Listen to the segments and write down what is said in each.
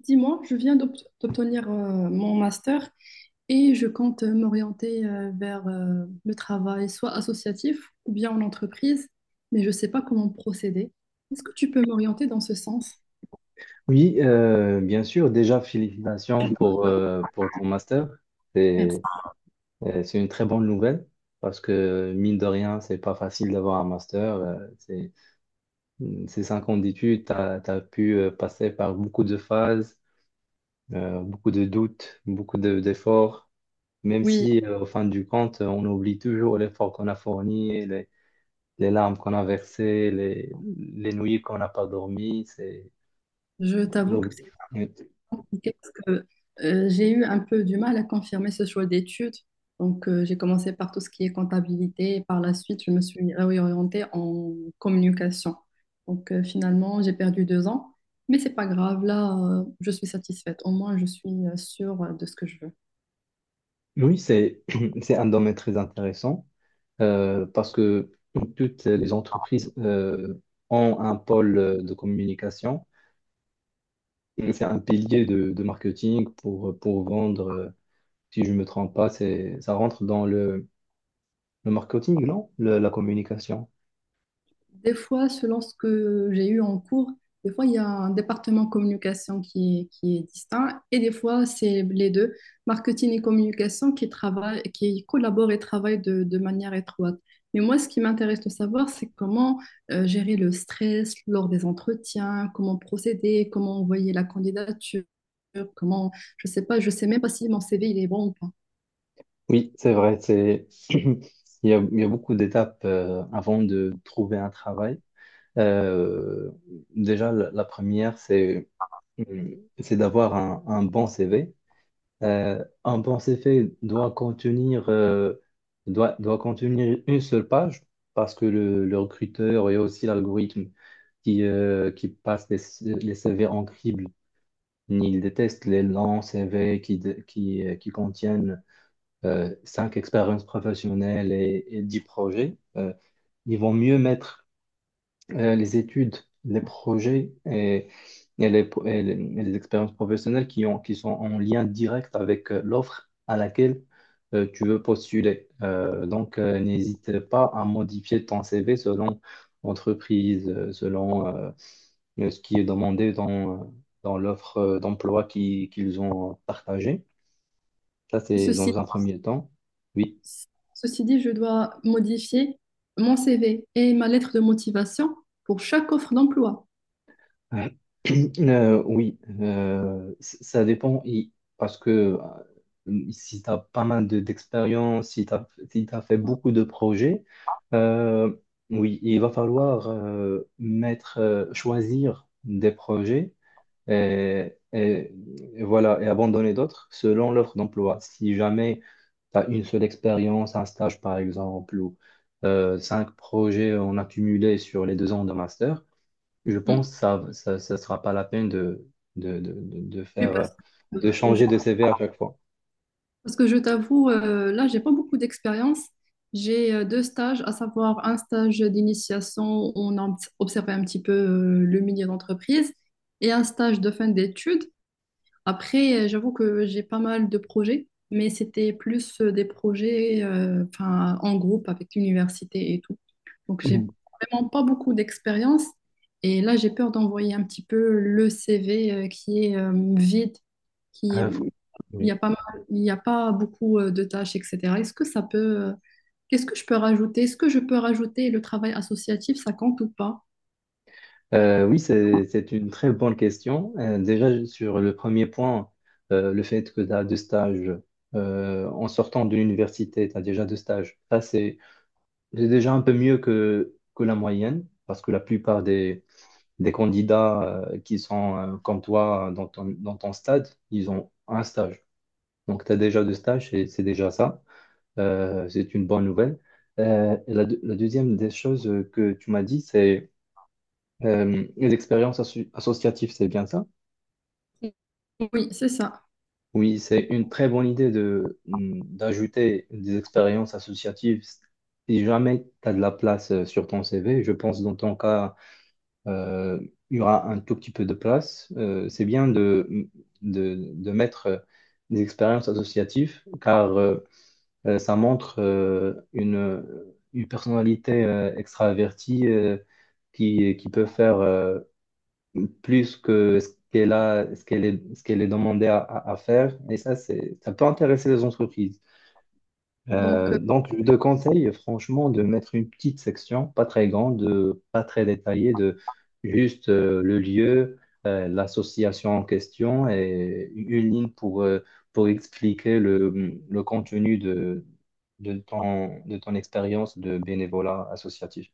Dis-moi, je viens d'obtenir mon master et je compte m'orienter vers le travail, soit associatif ou bien en entreprise, mais je ne sais pas comment procéder. Est-ce que tu peux m'orienter dans ce sens? Oui, bien sûr. Déjà, félicitations pour ton master. C'est, Merci. c'est une très bonne nouvelle parce que, mine de rien, c'est pas facile d'avoir un master. Ces 5 ans d'études, tu as pu passer par beaucoup de phases, beaucoup de doutes, d'efforts, même Oui, si, au fin du compte, on oublie toujours l'effort qu'on a fourni, les larmes qu'on a versées, les nuits qu'on n'a pas dormi. Je On t'avoue oublie. Oui. compliqué parce que j'ai eu un peu du mal à confirmer ce choix d'études. Donc, j'ai commencé par tout ce qui est comptabilité et par la suite, je me suis réorientée en communication. Donc, finalement, j'ai perdu deux ans, mais c'est pas grave. Là, je suis satisfaite. Au moins, je suis sûre de ce que je veux. Oui, c'est c'est un domaine très intéressant, parce que toutes les entreprises ont un pôle de communication. Et c'est un pilier de marketing pour vendre. Si je ne me trompe pas, ça rentre dans le marketing, non? La communication. Des fois, selon ce que j'ai eu en cours, des fois, il y a un département communication qui est distinct et des fois, c'est les deux, marketing et communication, qui travaillent, qui collaborent et travaillent de manière étroite. Mais moi, ce qui m'intéresse de savoir, c'est comment gérer le stress lors des entretiens, comment procéder, comment envoyer la candidature, comment, je sais pas, je sais même pas si mon CV il est bon ou pas. Oui, c'est vrai. Il y a beaucoup d'étapes avant de trouver un travail. Euh, Déjà, la première, c'est d'avoir un bon CV. Un bon CV doit contenir une seule page parce que le recruteur et aussi l'algorithme qui passe les CV en crible, il déteste les longs CV qui contiennent cinq expériences professionnelles et 10 projets. Ils vont mieux mettre les études, les projets et les expériences professionnelles qui sont en lien direct avec l'offre à laquelle tu veux postuler. Donc, n'hésite pas à modifier ton CV selon entreprise, selon ce qui est demandé dans l'offre d'emploi qu'ils ont partagée. Ça, Et c'est ceci dans un premier temps. Oui. Ceci dit, je dois modifier mon CV et ma lettre de motivation pour chaque offre d'emploi. Euh, oui, ça dépend. Parce que si tu as pas mal d'expérience, si tu as, si t'as fait beaucoup de projets, euh, oui, il va falloir choisir des projets et, et- et voilà, et abandonner d'autres selon l'offre d'emploi. Si jamais tu as une seule expérience, un stage par exemple, ou cinq projets en accumulé sur les 2 ans de master, je Mm. pense que ça sera pas la peine de, de, de de Et Parce faire, que de euh, je, changer de CV à chaque fois. parce que je t'avoue, là, j'ai pas beaucoup d'expérience. J'ai deux stages, à savoir un stage d'initiation où on a observé un petit peu le milieu d'entreprise et un stage de fin d'études. Après, j'avoue que j'ai pas mal de projets, mais c'était plus des projets enfin, en groupe avec l'université et tout. Donc, j'ai Mhm. vraiment pas beaucoup d'expérience. Et là, j'ai peur d'envoyer un petit peu le CV qui est vide, qui est- Euh, faut- oui. Il y a pas beaucoup de tâches, etc. Est-ce que ça peut, qu'est-ce que je peux rajouter? Est-ce que je peux rajouter le travail associatif, ça compte ou pas? Oui, c'est une très bonne question. Déjà, sur le premier point, le fait que tu as deux stages en sortant de l'université, tu as déjà deux stages. Ça, c'est déjà un peu mieux que la moyenne, parce que la plupart des candidats qui sont comme toi dans ton stade, ils ont un stage. Donc, tu as déjà deux stages et c'est déjà ça. C'est une bonne nouvelle. Et la deuxième des choses que tu m'as dit, c'est les expériences associatives, c'est bien ça? Oui, c'est ça. Oui, c'est une très bonne idée d'ajouter des expériences associatives. Si jamais tu as de la place sur ton CV, je pense dans ton cas, euh, il y aura un tout petit peu de place. C'est bien de mettre des expériences associatives, car ça montre une personnalité extravertie, qui peut faire plus que ce qu'elle a, ce qu'elle est demandée à faire. Et ça peut intéresser les entreprises. Donc, Donc, je te conseille franchement de mettre une petite section, pas très grande, pas très détaillée, de juste le lieu, l'association en question et une ligne pour expliquer le contenu de ton expérience de bénévolat associatif.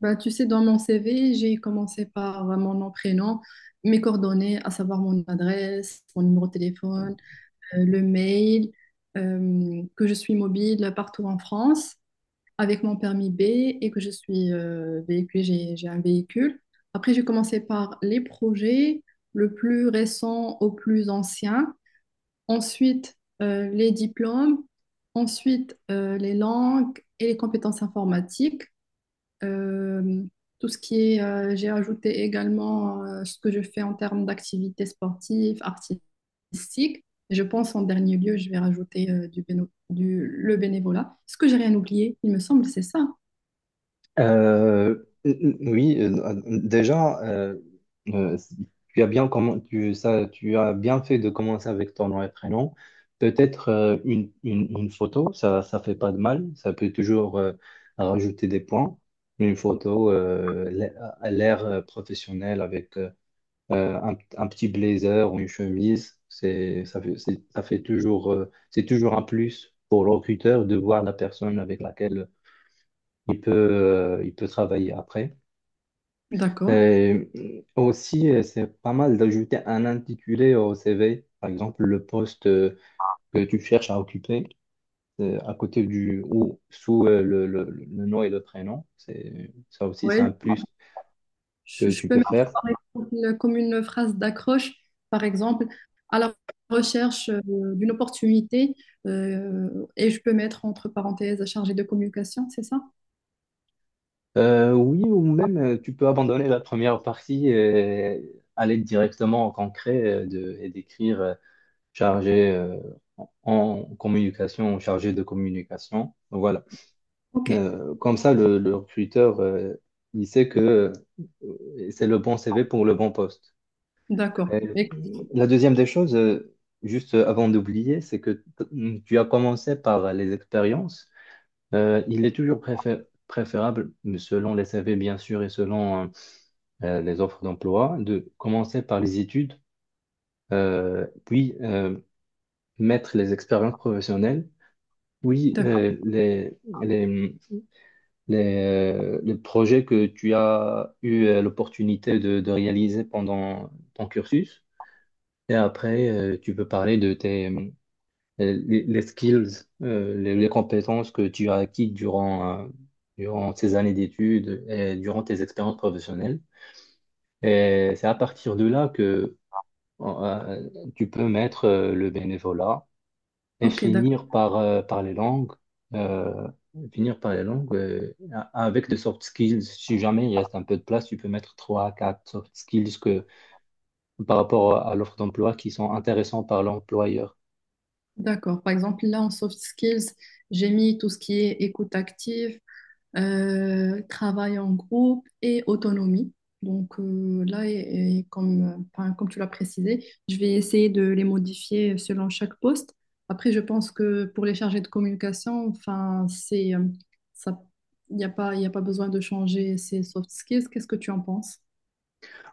bah, tu sais, dans mon CV, j'ai commencé par mon nom, prénom, mes coordonnées, à savoir mon adresse, mon numéro de téléphone, le mail, que je suis mobile partout en France avec mon permis B et que je suis véhiculée, j'ai un véhicule. Après, j'ai commencé par les projets, le plus récent au plus ancien. Ensuite, les diplômes. Ensuite, les langues et les compétences informatiques. Euh, tout ce qui est, J'ai ajouté également ce que je fais en termes d'activités sportives, artistiques. Je pense en dernier lieu, je vais rajouter le bénévolat. Est-ce que j'ai rien oublié? Il me semble, c'est ça. Euh, oui, déjà, euh, tu as bien fait de commencer avec ton nom et prénom. Peut-être une photo, ça fait pas de mal. Ça peut toujours rajouter des points. Une photo à l'air professionnel avec un petit blazer ou une chemise, c'est- ça fait toujours c'est toujours un plus pour le recruteur de voir la personne avec laquelle il peut travailler après. D'accord. Et aussi, c'est pas mal d'ajouter un intitulé au CV, par exemple le poste que tu cherches à occuper à côté du ou sous le nom et le prénom. Ça aussi, c'est Ouais, un plus Je, que je tu peux peux mettre faire. par exemple, comme une phrase d'accroche, par exemple, à la recherche d'une opportunité, et je peux mettre entre parenthèses chargé de communication, c'est ça? Oui, ou même tu peux abandonner la première partie et aller directement au concret et d'écrire chargé en communication, chargé de communication. Voilà. Ok, Comme ça, le recruteur, il sait que c'est le bon CV pour le bon poste. d'accord. Et Et- la deuxième des choses, juste avant d'oublier, c'est que tu as commencé par les expériences. Il est toujours préférable, selon les CV bien sûr et selon les offres d'emploi, de commencer par les études, puis mettre les expériences professionnelles, puis D'accord. Les, les projets que tu as eu l'opportunité de réaliser pendant ton cursus. Et après, tu peux parler les skills, les compétences que tu as acquises durant ces années d'études et durant tes expériences professionnelles. Et c'est à partir de là que tu peux mettre le bénévolat et Ok, d'accord. finir par les langues, euh, finir par les langues euh, avec des soft skills. Si jamais il reste un peu de place, tu peux mettre 3 à 4 soft skills par rapport à l'offre d'emploi qui sont intéressants par l'employeur. D'accord. Par exemple, là, en soft skills, j'ai mis tout ce qui est écoute active, travail en groupe et autonomie. Donc là, et comme, enfin, comme tu l'as précisé, je vais essayer de les modifier selon chaque poste. Après, je pense que pour les chargés de communication, enfin, ça, il y a pas besoin de changer ces soft skills. Qu'est-ce que tu en penses?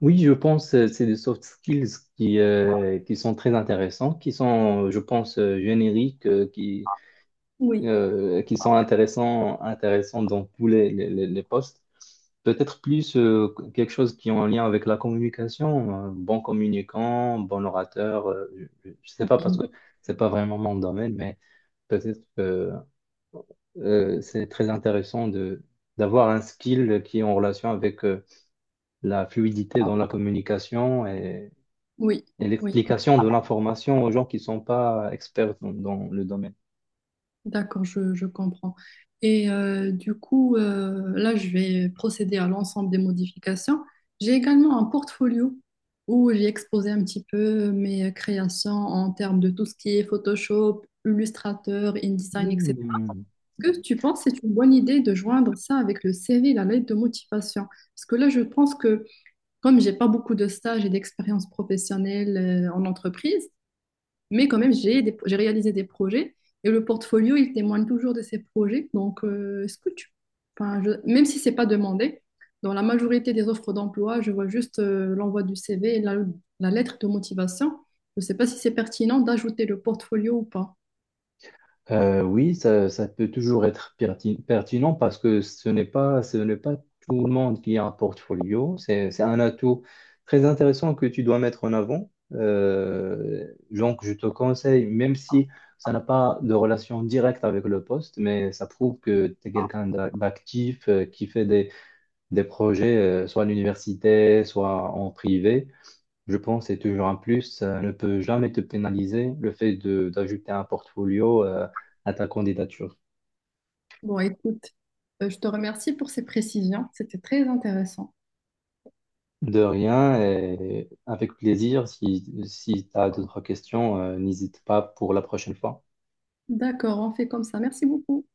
Oui, je pense c'est des soft skills qui sont très intéressants, qui sont, je pense, génériques, Oui. Qui sont intéressants, intéressants dans tous les postes. Peut-être plus quelque chose qui est en lien avec la communication, bon communicant, bon orateur, je ne sais pas parce Oui, que c'est pas vraiment mon domaine, mais peut-être que c'est très intéressant de d'avoir un skill qui est en relation avec la fluidité dans la communication oui, et oui. l'explication de l'information aux gens qui ne sont pas experts dans le domaine. D'accord, je comprends. Et du coup, là, je vais procéder à l'ensemble des modifications. J'ai également un portfolio où j'ai exposé un petit peu mes créations en termes de tout ce qui est Photoshop, Illustrator, InDesign, etc. Hmm. Est-ce que tu penses que c'est une bonne idée de joindre ça avec le CV, la lettre de motivation? Parce que là, je pense que comme j'ai pas beaucoup de stages et d'expérience professionnelle en entreprise, mais quand même, j'ai réalisé des projets et le portfolio, il témoigne toujours de ces projets. Donc, est-ce que tu, enfin, je- même si c'est pas demandé, dans la majorité des offres d'emploi, je vois juste l'envoi du CV et la lettre de motivation. Je ne sais pas si c'est pertinent d'ajouter le portfolio ou pas. Oui, ça peut toujours être pertinent parce que ce n'est pas tout le monde qui a un portfolio. C'est un atout très intéressant que tu dois mettre en avant. Donc, je te conseille, même si ça n'a pas de relation directe avec le poste, mais ça prouve que tu es quelqu'un d'actif, qui fait des projets, soit à l'université, soit en privé. Je pense que c'est toujours un plus. Ça ne peut jamais te pénaliser le fait de d'ajouter un portfolio à ta candidature. Bon, écoute, je te remercie pour ces précisions. C'était très intéressant. De rien et avec plaisir, si tu as d'autres questions, n'hésite pas pour la prochaine fois. D'accord, on fait comme ça. Merci beaucoup.